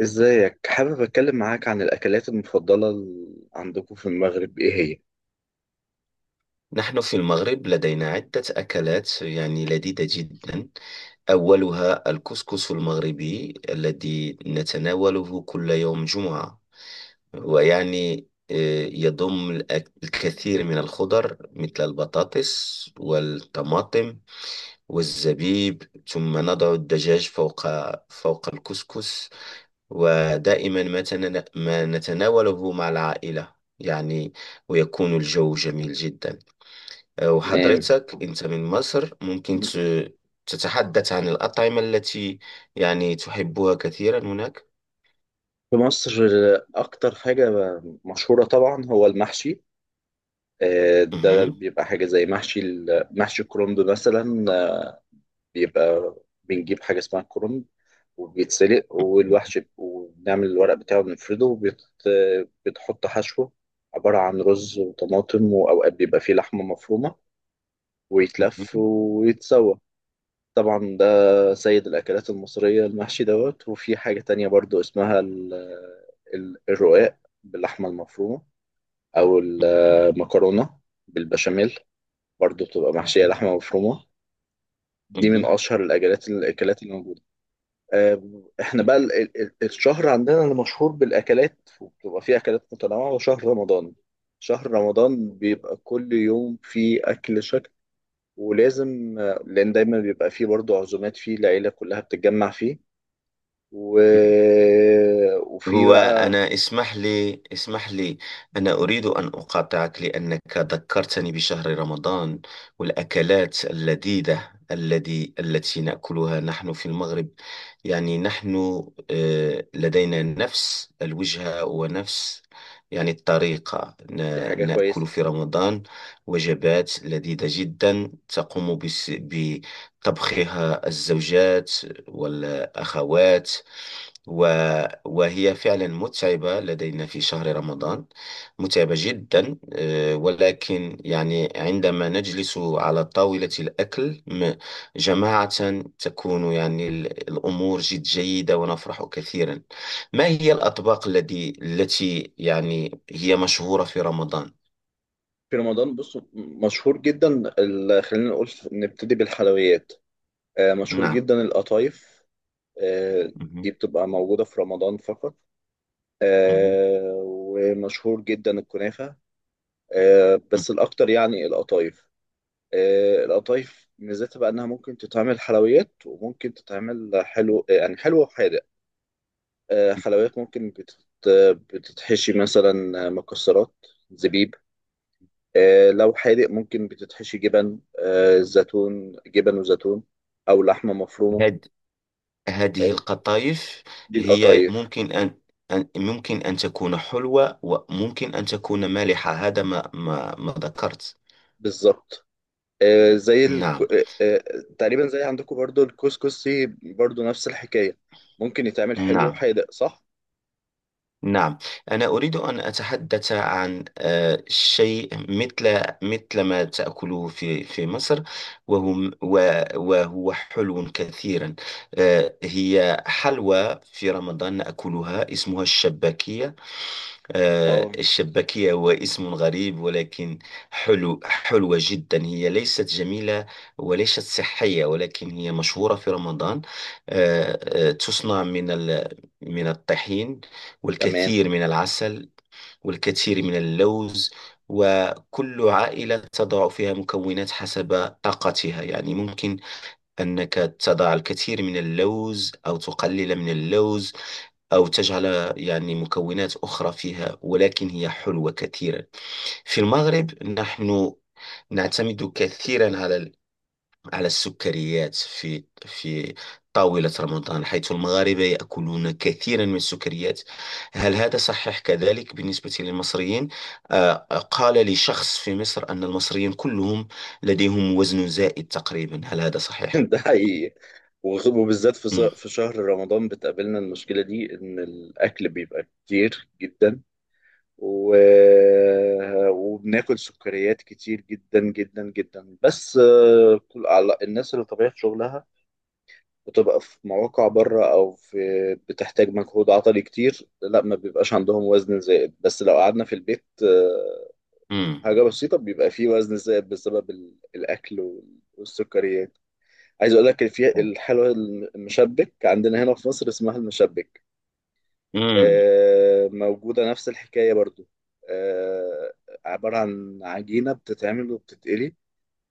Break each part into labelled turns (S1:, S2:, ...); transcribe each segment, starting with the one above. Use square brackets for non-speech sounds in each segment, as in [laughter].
S1: ازيك، حابب اتكلم معاك عن الاكلات المفضله عندكم في المغرب، ايه هي؟
S2: نحن في المغرب لدينا عدة أكلات يعني لذيذة جدا. أولها الكسكس المغربي الذي نتناوله كل يوم جمعة. ويعني يضم الكثير من الخضر مثل البطاطس والطماطم والزبيب، ثم نضع الدجاج فوق الكسكس. ودائما ما نتناوله مع العائلة يعني، ويكون الجو جميل جدا.
S1: يعني
S2: وحضرتك أنت من مصر، ممكن تتحدث عن الأطعمة التي يعني تحبها كثيرا هناك.
S1: في مصر اكتر حاجه مشهوره طبعا هو المحشي. ده
S2: مهم.
S1: بيبقى حاجه زي محشي محشي الكرنب مثلا. بيبقى بنجيب حاجه اسمها الكرنب وبيتسلق والوحش وبنعمل الورق بتاعه بنفرده وبتحط حشوه عبارة عن رز وطماطم وأوقات بيبقى فيه لحمة مفرومة ويتلف
S2: مهم.
S1: ويتسوى. طبعا ده سيد الأكلات المصرية، المحشي دوت. وفي حاجة تانية برضو اسمها الرقاق باللحمة المفرومة أو المكرونة بالبشاميل، برضو بتبقى محشية
S2: مهم.
S1: لحمة مفرومة. دي من
S2: مهم.
S1: أشهر الأكلات اللي موجودة. آه، إحنا
S2: مهم.
S1: بقى الشهر عندنا اللي مشهور بالأكلات وبتبقى فيه أكلات متنوعة هو شهر رمضان. شهر رمضان بيبقى كل يوم فيه أكل شكل. ولازم لأن دايما بيبقى فيه برضو عزومات فيه العيلة كلها بتتجمع فيه. و... وفي
S2: هو
S1: بقى،
S2: أنا اسمح لي اسمح لي، أنا أريد أن أقاطعك لأنك ذكرتني بشهر رمضان والأكلات اللذيذة التي نأكلها نحن في المغرب. يعني نحن لدينا نفس الوجهة ونفس يعني الطريقة،
S1: دي حاجة
S2: نأكل
S1: كويسة.
S2: في رمضان وجبات لذيذة جدا تقوم بطبخها الزوجات والأخوات و... وهي فعلا متعبة لدينا في شهر رمضان، متعبة جدا ولكن يعني عندما نجلس على طاولة الأكل جماعة، تكون يعني الأمور جد جيدة ونفرح كثيرا. ما هي الأطباق التي يعني هي مشهورة في رمضان؟
S1: في رمضان بص، مشهور جدا خلينا نقول نبتدي بالحلويات. مشهور
S2: نعم.
S1: جدا القطايف. آه، دي
S2: مهم.
S1: بتبقى موجودة في رمضان فقط.
S2: مهم.
S1: ومشهور جدا الكنافة. بس الأكتر يعني القطايف. القطايف ميزتها بقى إنها ممكن تتعمل حلويات وممكن تتعمل حلو، يعني حلو وحادق. حلويات ممكن بتتحشي مثلا مكسرات، زبيب. لو حادق ممكن بتتحشي جبن، زيتون، جبن وزيتون، أو لحمة مفرومة.
S2: مهم. هذه
S1: آه،
S2: القطايف
S1: دي
S2: هي
S1: القطايف.
S2: ممكن أن ممكن أن تكون حلوة وممكن أن تكون مالحة، هذا ما ذكرت.
S1: بالظبط. زي
S2: نعم.
S1: تقريبا زي عندكم برضو الكسكسي، برضو نفس الحكاية. ممكن يتعمل حلو
S2: نعم.
S1: وحادق، صح؟
S2: نعم. أنا أريد أن أتحدث عن شيء مثل ما تأكله في مصر، وهو حلو كثيرا. هي حلوى في رمضان نأكلها اسمها الشباكية.
S1: اه،
S2: الشباكية هو اسم غريب، ولكن حلوة جدا، هي ليست جميلة وليست صحية، ولكن هي مشهورة في رمضان. تصنع من من الطحين
S1: تمام.
S2: والكثير من العسل والكثير من اللوز، وكل عائلة تضع فيها مكونات حسب طاقتها، يعني ممكن أنك تضع الكثير من اللوز أو تقلل من اللوز أو تجعل يعني مكونات أخرى فيها، ولكن هي حلوة كثيرا. في المغرب نحن نعتمد كثيرا على على السكريات في طاولة رمضان، حيث المغاربة يأكلون كثيرا من السكريات. هل هذا صحيح كذلك بالنسبة للمصريين؟ آه، قال لي شخص في مصر أن المصريين كلهم لديهم وزن زائد تقريبا، هل هذا
S1: [laughs]
S2: صحيح؟
S1: ده حقيقي. وبالذات
S2: مم.
S1: في شهر رمضان بتقابلنا المشكلة دي، إن الأكل بيبقى كتير جدا. و... وبناكل سكريات كتير جدا جدا جدا. بس الناس اللي طبيعة شغلها بتبقى في مواقع بره او في بتحتاج مجهود عضلي كتير، لا، ما بيبقاش عندهم وزن زائد. بس لو قعدنا في البيت
S2: مم.
S1: حاجة بسيطة، بيبقى فيه وزن زائد بسبب الاكل والسكريات. عايز اقول لك في الحلوى المشبك، عندنا هنا في مصر اسمها المشبك.
S2: مم.
S1: موجودة نفس الحكاية برضو. آه، عبارة عن عجينة بتتعمل وبتتقلي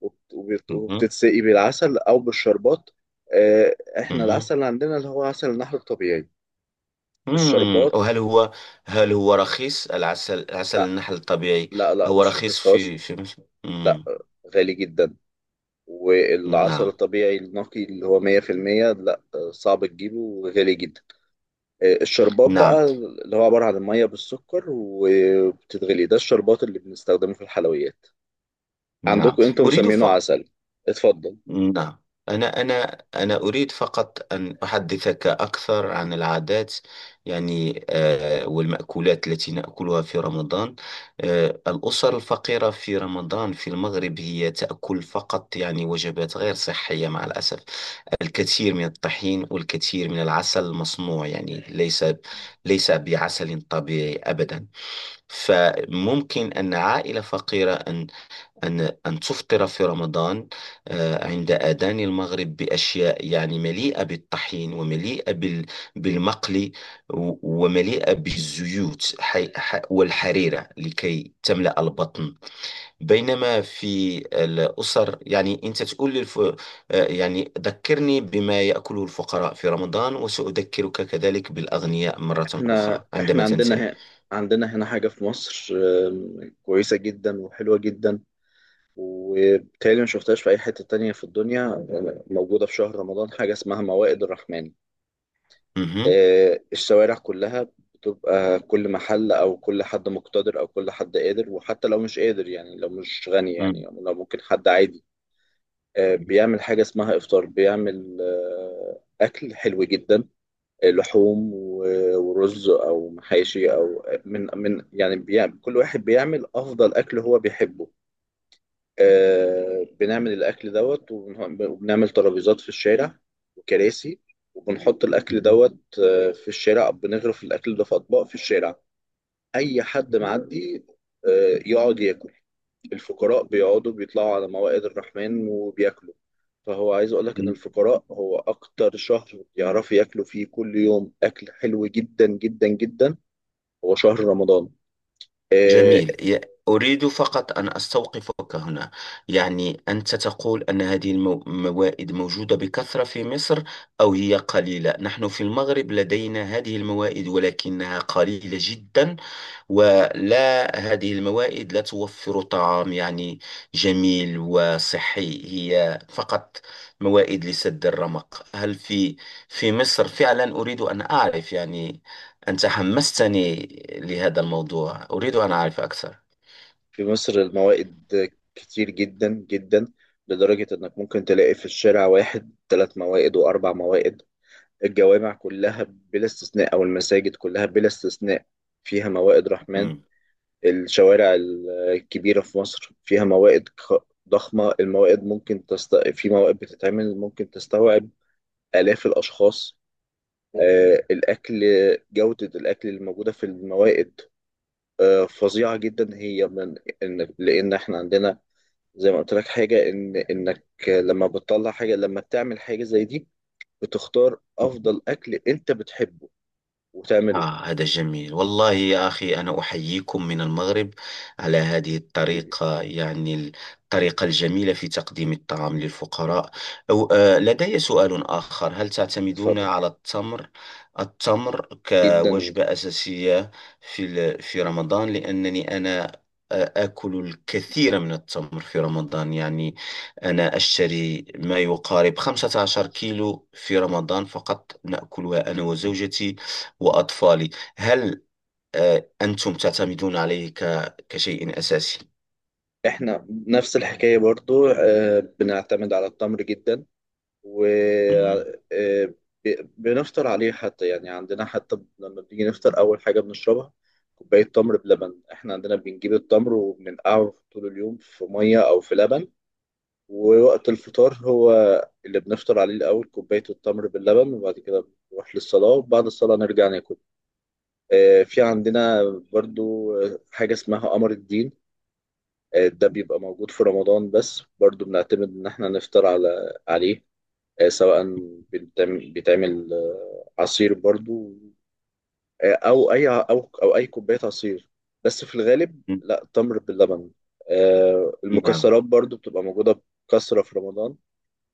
S2: مم.
S1: وبتتسقي بالعسل أو بالشربات. إحنا
S2: مم.
S1: العسل اللي عندنا اللي هو عسل النحل الطبيعي، الشربات.
S2: وهل هو، هل هو رخيص العسل، عسل
S1: لا،
S2: النحل الطبيعي؟
S1: لا، لا،
S2: هو
S1: مش
S2: رخيص
S1: رخيص خالص.
S2: في مصر؟
S1: لا، غالي جدا. والعسل
S2: نعم.
S1: الطبيعي النقي اللي هو 100% لا، صعب تجيبه وغالي جدا. الشربات
S2: نعم.
S1: بقى، اللي هو عبارة عن المية بالسكر وبتتغلي، ده الشربات اللي بنستخدمه في الحلويات.
S2: نعم.
S1: عندكم انتم
S2: أريد
S1: مسمينه
S2: ف
S1: عسل. اتفضل.
S2: نعم. أنا أريد فقط أن أحدثك أكثر عن العادات، يعني والمأكولات التي نأكلها في رمضان. الأسر الفقيرة في رمضان في المغرب هي تأكل فقط يعني وجبات غير صحية مع الأسف، الكثير من الطحين والكثير من العسل المصنوع، يعني ليس بعسل طبيعي أبدا. فممكن أن عائلة فقيرة أن أن أن تفطر في رمضان عند آذان المغرب بأشياء يعني مليئة بالطحين ومليئة بالمقلي و- ومليئة بالزيوت، والحريرة لكي تملأ البطن. بينما في الأسر يعني أنت تقول يعني ذكرني بما يأكله الفقراء في رمضان، وسأذكرك كذلك بالأغنياء مرة
S1: احنا
S2: أخرى
S1: احنا
S2: عندما
S1: عندنا
S2: تنتهي.
S1: هنا عندنا هنا حاجة في مصر، كويسة جدا وحلوة جدا، وبالتالي ما شفتهاش في أي حتة تانية في الدنيا. موجودة في شهر رمضان، حاجة اسمها موائد الرحمن.
S2: مهم.
S1: الشوارع كلها بتبقى كل محل أو كل حد مقتدر أو كل حد قادر، وحتى لو مش قادر، يعني لو مش غني، يعني
S2: مم.
S1: لو ممكن حد عادي. بيعمل حاجة اسمها إفطار، بيعمل أكل حلو جدا. لحوم ورز او محاشي او من يعني بيعمل، كل واحد بيعمل افضل اكل هو بيحبه. بنعمل الاكل دوت، وبنعمل ترابيزات في الشارع وكراسي، وبنحط الاكل
S2: مهم.
S1: دوت في الشارع، بنغرف الاكل ده في اطباق في الشارع. اي حد معدي يقعد ياكل. الفقراء بيقعدوا بيطلعوا على موائد الرحمن وبياكلوا. فهو عايز اقول لك ان
S2: مهم.
S1: الفقراء، هو اكتر شهر يعرفوا ياكلوا فيه كل يوم اكل حلو جدا جدا جدا هو شهر رمضان. آه،
S2: جميل أريد فقط أن أستوقفك هنا، يعني أنت تقول أن هذه الموائد موجودة بكثرة في مصر أو هي قليلة؟ نحن في المغرب لدينا هذه الموائد ولكنها قليلة جدا، ولا هذه الموائد لا توفر طعام يعني جميل وصحي، هي فقط موائد لسد الرمق. هل في مصر فعلا؟ أريد أن أعرف، يعني أنت حمستني لهذا الموضوع، أريد أن أعرف أكثر.
S1: في مصر الموائد كتير جدا جدا، لدرجة انك ممكن تلاقي في الشارع واحد ثلاث موائد واربع موائد. الجوامع كلها بلا استثناء او المساجد كلها بلا استثناء فيها موائد رحمن. الشوارع الكبيرة في مصر فيها موائد ضخمة. الموائد ممكن في موائد بتتعمل ممكن تستوعب آلاف الأشخاص. الأكل، جودة الأكل اللي موجودة في الموائد فظيعة جدا، هي من لأن إحنا عندنا، زي ما قلت لك، حاجة، إنك لما بتطلع حاجة، لما بتعمل حاجة زي دي، بتختار
S2: مم.
S1: أفضل أكل أنت بتحبه وتعمله.
S2: هذا جميل والله يا أخي، أنا أحييكم من المغرب على هذه الطريقة، يعني الطريقة الجميلة في تقديم الطعام للفقراء. أو لدي سؤال آخر، هل تعتمدون
S1: اتفضل.
S2: على التمر
S1: جدا.
S2: كوجبة أساسية في رمضان؟ لأنني أنا آكل الكثير من التمر في رمضان، يعني أنا أشتري ما يقارب 15 كيلو في رمضان فقط، نأكلها أنا وزوجتي وأطفالي. هل أنتم تعتمدون عليه كشيء أساسي؟
S1: احنا نفس الحكاية برضو. بنعتمد على التمر جدا و
S2: مهم.
S1: آه، بنفطر عليه، حتى يعني عندنا، حتى لما بنيجي نفطر أول حاجة بنشربها كوباية تمر بلبن. احنا عندنا بنجيب التمر وبننقعه طول اليوم في مية أو في لبن، ووقت الفطار هو اللي بنفطر عليه الأول كوباية التمر باللبن، وبعد كده بنروح للصلاة، وبعد الصلاة نرجع ناكل. في عندنا برضو حاجة اسمها قمر الدين. ده بيبقى موجود في رمضان بس، برضو بنعتمد إن إحنا نفطر عليه. سواء بيتعمل بيتعمل، عصير برضو، أو أي كوباية عصير، بس في الغالب، لا، تمر باللبن.
S2: نعم.
S1: المكسرات برضو بتبقى موجودة بكثرة في رمضان،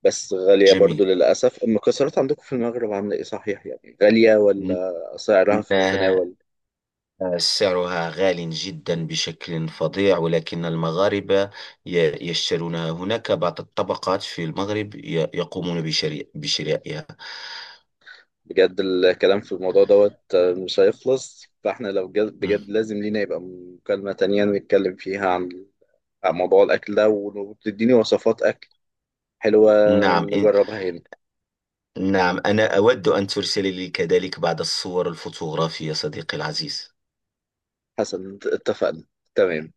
S1: بس غالية
S2: جميل،
S1: برضو للأسف. المكسرات عندكم في المغرب عاملة إيه؟ صحيح يعني، غالية ولا سعرها في
S2: إنها
S1: المتناول؟
S2: سعرها غال جدا بشكل فظيع، ولكن المغاربة يشترونها، هناك بعض الطبقات في المغرب يقومون بشرائها.
S1: بجد الكلام في الموضوع دوت مش هيخلص، فاحنا لو جد
S2: مم.
S1: بجد لازم لينا يبقى مكالمة تانية نتكلم فيها عن موضوع الأكل ده، وتديني وصفات أكل حلوة
S2: نعم
S1: نجربها هنا.
S2: نعم، أنا أود أن ترسل لي كذلك بعض الصور الفوتوغرافية، صديقي العزيز.
S1: حسن، اتفقنا. تمام.